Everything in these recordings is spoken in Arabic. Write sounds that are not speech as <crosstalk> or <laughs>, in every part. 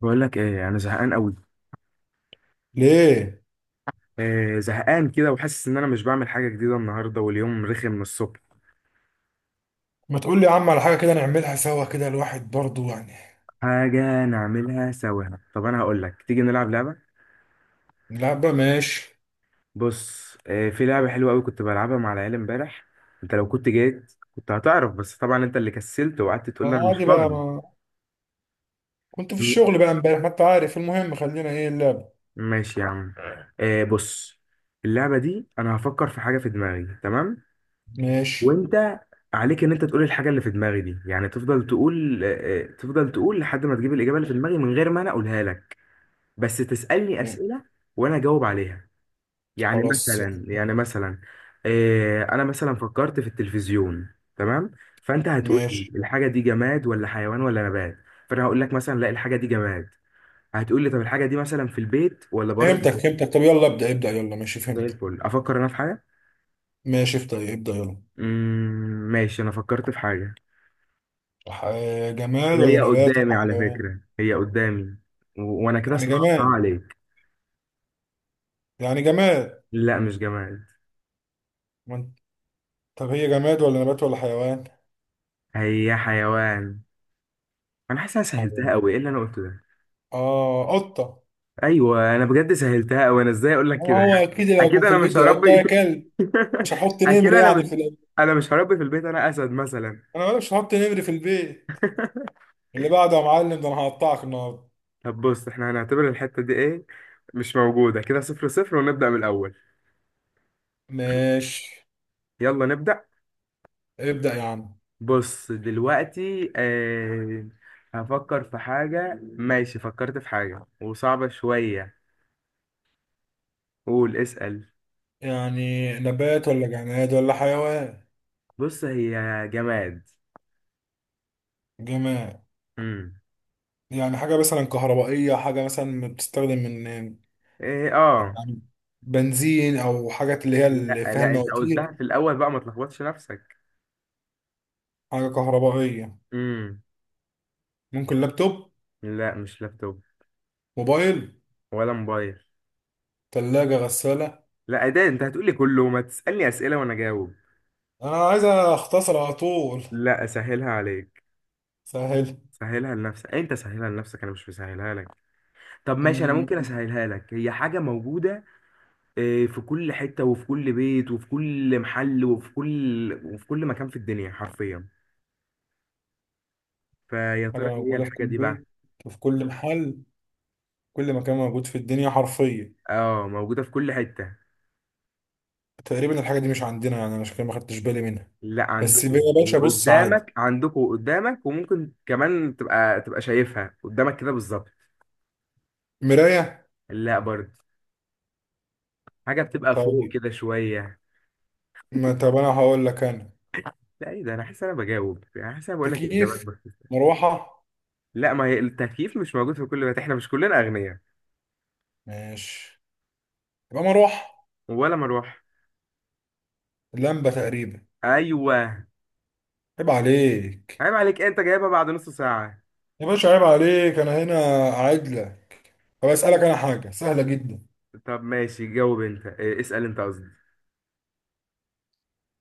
بقول لك ايه؟ انا زهقان قوي. ليه؟ إيه، زهقان كده وحاسس ان انا مش بعمل حاجه جديده النهارده واليوم رخم من الصبح. ما تقول لي يا عم على حاجه كده نعملها سوا كده، الواحد برضو يعني. حاجه نعملها سوا؟ طب انا هقول لك، تيجي نلعب لعبه. لا بقى ماشي. بص، إيه، في لعبه حلوه قوي كنت بلعبها مع العيال امبارح. انت لو كنت جيت كنت هتعرف، بس طبعا انت اللي كسلت وقعدت تقول لي انا مش عادي بقى. فاضي. ما كنت في م- الشغل بقى امبارح، ما انت عارف. المهم خلينا، ايه اللعبه؟ ماشي يا عم. إيه، بص. اللعبه دي انا هفكر في حاجه في دماغي، تمام؟ ماشي. وانت عليك ان انت تقول الحاجه اللي في دماغي دي، يعني تفضل تقول آه، آه، تفضل تقول لحد ما تجيب الاجابه اللي في دماغي من غير ما انا اقولها لك. بس تسالني مم. اسئله وانا اجاوب عليها. يعني خلاص مثلا يعني. يعني مثلا انا مثلا فكرت في التلفزيون، تمام؟ فانت هتقول ماشي لي الحاجه دي جماد ولا حيوان ولا نبات؟ فانا هقول لك مثلا لا، الحاجه دي جماد. هتقول لي طب الحاجه دي مثلا في البيت ولا بره فهمتك البيت؟ فهمتك طب يلا ابدا ابدا، يلا ماشي زي فهمتك. الفل، افكر انا في حاجه. ماشي ابدا ابدا يلا. ماشي، انا فكرت في حاجه ح- جماد ولا وهي نبات ولا قدامي، على حيوان؟ فكرة هي قدامي. وانا كده يعني صعبتها جماد عليك. يعني جماد لا، مش جماد، ما انت- طب هي جماد ولا نبات ولا حيوان؟ هي حيوان. انا حاسس انا سهلتها حيوان. قوي، ايه اللي انا قلته ده؟ اه قطه. ايوه، انا بجد سهلتها قوي، انا ازاي اقول لك كده؟ هو يعني اكيد لو يكون اكيد في انا مش البيت، يا قطه هربي. يا كلب. مش هحط <laughs> اكيد نمر انا يعني مش. انا مش هربي في البيت، انا اسد مثلا. انا مالي، مش هحط نمر في البيت. اللي بعده يا معلم، ده انا هقطعك النهارده. طب بص، احنا هنعتبر الحتة دي ايه؟ مش موجودة، كده 0-0 ونبدأ من الاول. ماشي. يلا نبدأ. ابدأ يا عم. بص دلوقتي، هفكر في حاجة. ماشي، فكرت في حاجة وصعبة شوية. قول، اسأل. يعني نبات ولا جماد ولا حيوان؟ بص، هي جماد. جماد. امم. يعني حاجة مثلا كهربائية، حاجة مثلا بتستخدم من يعني ايه، اه. بنزين او حاجات اللي هي اللي لا فيها لا، انت قلتها المواتير. في الأول بقى، ما تلخبطش نفسك. حاجة كهربائية. امم. ممكن لابتوب؟ لا، مش لابتوب. موبايل؟ ولا موبايل. تلاجة؟ غسالة؟ لا، ده انت هتقولي كله، ما تسألني أسئلة وانا جاوب. انا عايز اختصر على طول. لا، اسهلها عليك. سهل. سهلها لنفسك، انت سهلها لنفسك، انا مش مسهلها لك. طب ماشي، انا ممكن اسهلها لك. هي حاجة موجودة، إيه، في كل حتة وفي كل بيت وفي كل محل وفي كل مكان في الدنيا حرفيا. فيا حاجة ترى ايه هي موجودة في الحاجة كل دي بقى؟ بيت، وفي كل محل، كل مكان موجود في الدنيا حرفيا. اه، موجودة في كل حتة. تقريبا الحاجة دي مش عندنا يعني أنا، عشان كده ما خدتش بالي منها. لا، بس يا عندكم باشا بص عادي، وقدامك، عندكم وقدامك، وممكن كمان تبقى شايفها قدامك كده بالظبط. مراية. لا برضه. حاجة بتبقى فوق طيب، كده شوية. ما طب أنا هقول لك. أنا لا، ايه ده، انا حاسس إن انا بجاوب، يعني حاسس إن انا بقول لك الاجابات تكييف، بس. مروحة. لا، ما هي التكييف مش موجود في كل بيت، احنا مش كلنا اغنياء. ماشي يبقى مروحة، ولا مروح. لمبة تقريبا. ايوه. عيب عليك. عيب عليك، انت جايبها بعد نص ساعة. يا باشا عيب عليك، أنا هنا قاعد لك. طب أسألك أنا حاجة سهلة جدا. طب ماشي، جاوب انت، إيه، اسأل انت قصدي.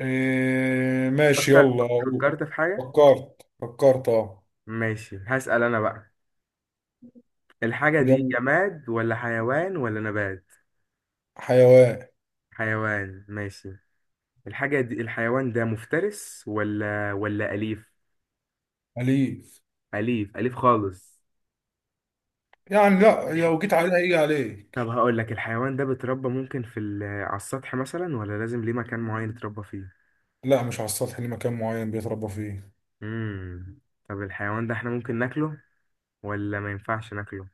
إيه ماشي فكر. يلا أقول. فكرت في حاجة. فكرت أه. ماشي، هسأل انا بقى. الحاجة دي يلا. جماد ولا حيوان ولا نبات؟ حيوان. حيوان، ماشي. الحاجة دي، الحيوان ده مفترس ولا أليف؟ أليف. أليف، أليف خالص. يعني لا الح- لو جيت عليها يجي طب عليك. هقول لك، الحيوان ده بيتربى ممكن على السطح مثلا ولا لازم ليه مكان معين يتربى فيه؟ لا مش على السطح، ليه مكان معين بيتربى فيه. امم. طب الحيوان ده احنا ممكن ناكله ولا ما ينفعش ناكله؟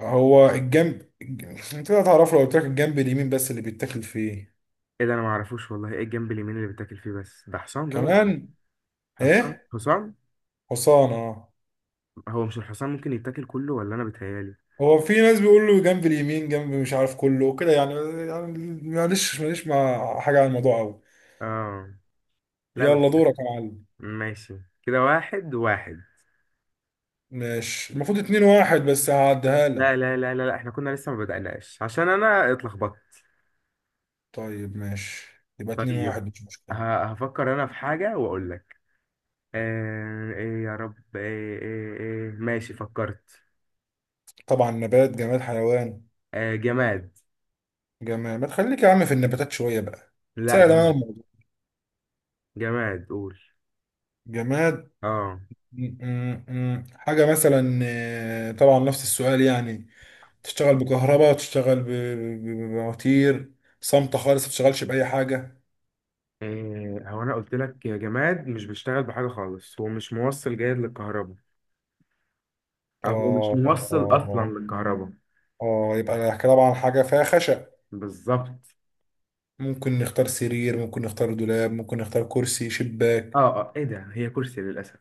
هو الجنب الج- انت هتعرفه، لو قلت لك الجنب اليمين بس اللي بيتاكل فيه. ايه ده، انا ما اعرفوش والله، ايه الجنب اليمين اللي بتاكل فيه بس؟ ده حصان ده ولا إيه؟ كمان. حصان، ايه، حصان. حصان اه. هو مش الحصان ممكن يتاكل كله، ولا انا بتهيالي؟ هو في ناس بيقولوا جنب اليمين، جنب مش عارف كله وكده يعني، يعني معلش ماليش مع حاجة عن الموضوع قوي. اه. لا يلا بس. دورك يا معلم. ماشي، كده واحد واحد. ماشي المفروض اتنين واحد، بس هعديها لا لك. لا لا لا, لا. احنا كنا لسه ما بدأناش عشان انا اتلخبطت. طيب ماشي، يبقى اتنين واحد طيب. مش مشكلة. هفكر انا في حاجة واقول لك. آه، ايه يا رب، ايه ايه ايه، ماشي فكرت. طبعا، نبات جماد حيوان؟ آه، جماد. جماد. ما تخليك يا عم في النباتات شوية بقى، لا، تسهل انا جماد. الموضوع. جماد، قول. جماد. اه. م- م- م. حاجة مثلا، طبعا نفس السؤال يعني، تشتغل بكهرباء، تشتغل ب- ب- ب- بمواتير، صامتة خالص ما تشتغلش بأي حاجة. إيه، هو انا قلت لك يا جماد مش بيشتغل بحاجة خالص، هو مش موصل جيد للكهرباء، او هو مش اه موصل اصلا اه للكهرباء. اه، يبقى طبعا حاجة فيها خشب. بالظبط. ممكن نختار سرير، ممكن نختار دولاب، ممكن نختار كرسي، شباك. اه، اه، ايه ده، هي كرسي للاسف.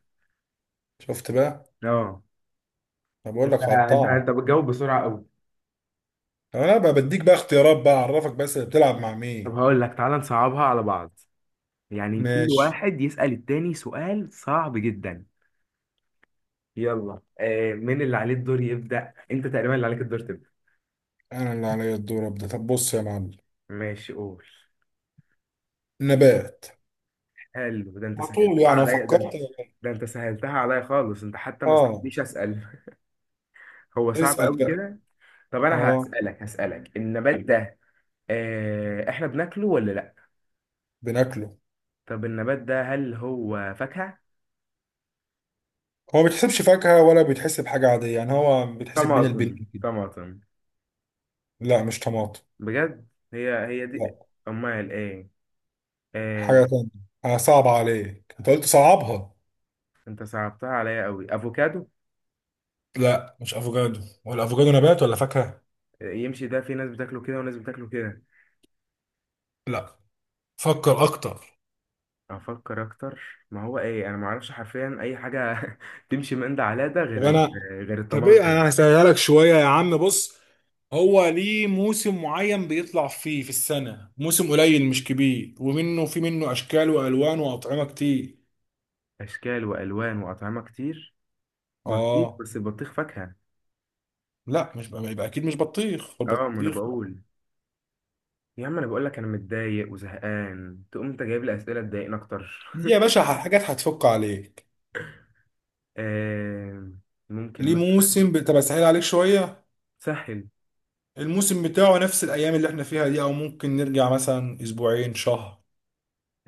شفت بقى؟ اه. انا بقول انت لك انت هقطعها. انت بتجاوب بسرعه قوي. انا بقى بديك بقى اختيارات بقى، اعرفك بس بتلعب مع طب مين. هقول لك، تعالى نصعبها على بعض، يعني كل ماشي. واحد يسأل التاني سؤال صعب جدا. يلا، مين اللي عليه الدور يبدأ؟ انت تقريبا اللي عليك الدور تبدأ. انا اللي عليا الدور ابدا، طب بص يا معلم. ماشي، قول. نبات. حلو، ده انت على طول سهلتها يعني، أنا عليا، فكرت <laughs> ده انت سهلتها عليا خالص، انت حتى ما اه. استنيش اسأل. هو صعب اسال قوي بقى. كده. طب انا اه. هسألك النبات ده، احنا بناكله ولا لا؟ بناكله. طب النبات ده هل هو فاكهة؟ هو ما بيتحسبش فاكهه ولا بيتحسب حاجه عاديه يعني، هو بيتحسب بين طماطم، البنين كده. طماطم. لا مش طماطم. بجد؟ هي هي دي. لا، امال ايه؟ آه، حاجه تانية. آه صعب عليك، انت قلت صعبها. انت صعبتها عليا قوي. افوكادو. لا مش افوكادو، ولا افوكادو نبات ولا فاكهه. يمشي ده، في ناس بتاكله كده وناس بتاكله كده. لا. فكر اكتر. افكر اكتر. ما هو ايه، انا ما اعرفش حرفيا اي حاجه <laughs> تمشي من ده على ده طب غير ال- انا غير طب ايه، الطماطم. انا هسهلها لك شويه يا عم، بص. هو ليه موسم معين بيطلع فيه في السنة، موسم قليل مش كبير، ومنه، في منه أشكال وألوان وأطعمة كتير. اشكال والوان واطعمه كتير. بطيخ، آه. بس البطيخ فاكهه. لا مش بقى، يبقى أكيد مش بطيخ، اه، ما انا البطيخ لا. بقول. يا عم انا بقول لك انا متضايق وزهقان، تقوم انت جايب لي اسئله تضايقني اكتر. دي يا <laughs> باشا حاجات هتفك عليك. آه ممكن مثلا. طب أسهل عليك شوية، سهل. الموسم بتاعه نفس الأيام اللي احنا فيها دي، أو ممكن نرجع مثلا أسبوعين شهر.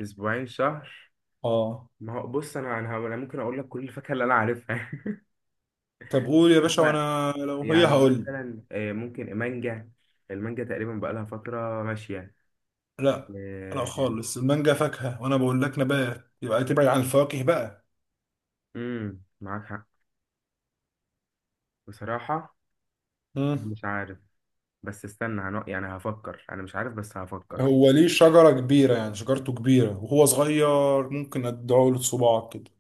اسبوعين، شهر. آه. ما هو بص، انا انا أنا ممكن اقول لك كل الفاكهه اللي انا عارفها. <laughs> طب قول يا باشا، هو، وأنا لو هي يعني هقول. مثلا، ممكن مانجا. المانجا تقريبا بقالها فتره ماشيه. لا. لا آه. خالص، المانجا فاكهة، وأنا بقول لك نبات، يبقى تبعد عن الفواكه بقى. معاك حق. بصراحه، مش عارف. بس استنى، يعني هفكر، انا مش عارف، بس هفكر. هو ليه شجرة كبيرة يعني، شجرته كبيرة وهو صغير، ممكن ادعه له صباعك كده.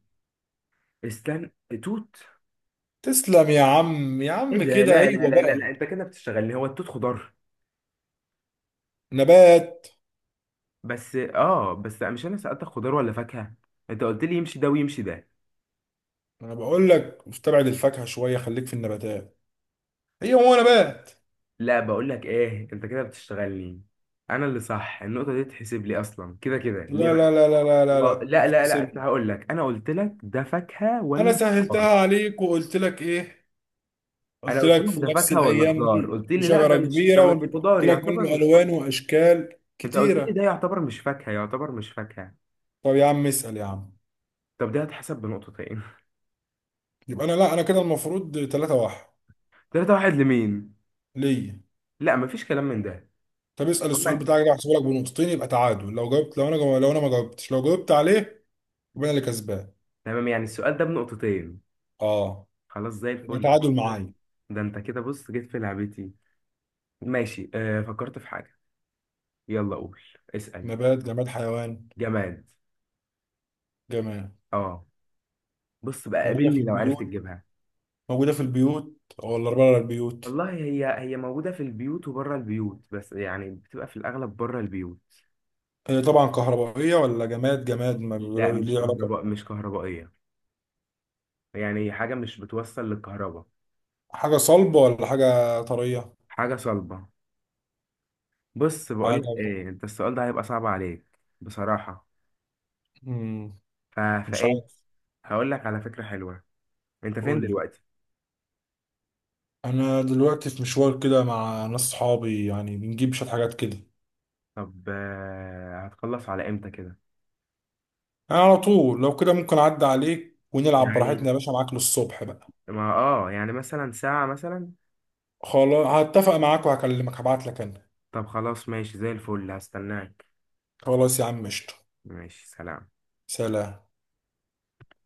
استنى. توت. تسلم يا عم، يا ايه عم ده، لا كده لا ايوه لا لا, بقى. لا. انت كده بتشتغلني، هو التوت خضار؟ نبات. بس مش انا سألتك خضار ولا فاكهه؟ انت قلت لي يمشي ده ويمشي ده. انا بقول لك استبعد الفاكهة شوية، خليك في النباتات. هي هو نبات. لا، بقول لك ايه، انت كده بتشتغلني. انا اللي صح، النقطه دي تحسب لي اصلا، كده كده ليه لا بقى؟ لا لا لا لا لا لا. لا لا لا، أنت سيب، هقول لك، انا قلت لك ده فاكهه انا ولا سهلتها خضار؟ عليك وقلت لك ايه؟ انا قلت قلت لك لك في ده نفس فاكهه ولا الايام خضار، دي قلت لي لا شجرة ده كبيرة، مش وقلت خضار لك يعتبر منه مش خضار. الوان واشكال انت قلت لي كتيرة. ده يعتبر مش فاكهه، يعتبر مش فاكهه. طب يا عم اسأل يا عم. طب ده هتحسب بنقطتين. يبقى انا، لا انا كده المفروض 3 واحد. <laughs> 3-1 لمين؟ ليا. لا، مفيش كلام من ده. طب اسال السؤال عمك- بتاعك، ده هحسبه لك بنقطتين، يبقى تعادل لو جاوبت. لو انا ما جاوبتش، لو جاوبت عليه يبقى انا اللي كسبان. تمام، يعني السؤال ده بنقطتين. اه. خلاص، زي يبقى الفل، تعادل معايا. ده انت كده، بص جيت في لعبتي. ماشي، فكرت في حاجه. يلا قول. اسأل. نبات جماد حيوان؟ جماد. جماد. اه. بص بقى، موجوده في قابلني لو عرفت البيوت، تجيبها. موجوده في البيوت، ولا بره البيوت؟ والله هي هي موجودة في البيوت وبره البيوت، بس يعني بتبقى في الأغلب بره البيوت. هي طبعا كهربائيه، ولا جماد جماد ما لا، بيقولوا مش ليه علاقه؟ كهرباء، مش كهربائية، يعني حاجة مش بتوصل للكهرباء. حاجه صلبه ولا حاجه طريه؟ حاجة صلبة. بص حاجه. بقولك ايه، انت السؤال ده هيبقى صعب عليك، بصراحة. امم مش فايه؟ عارف. هقولك على فكرة حلوة. انت فين قول لي. دلوقتي؟ انا دلوقتي في مشوار كده مع ناس صحابي يعني، بنجيب شويه حاجات كده. طب هتخلص على امتى كده؟ انا على طول لو كده ممكن اعدي عليك ونلعب براحتنا، يعني، يا باشا معاك للصبح بقى. ما يعني مثلا ساعة مثلا. خلاص هتفق معاك وهكلمك، هبعت لك انا. طب خلاص، ماشي، زي الفل، هستناك. خلاص يا عم قشطة. ماشي، سلام. سلام.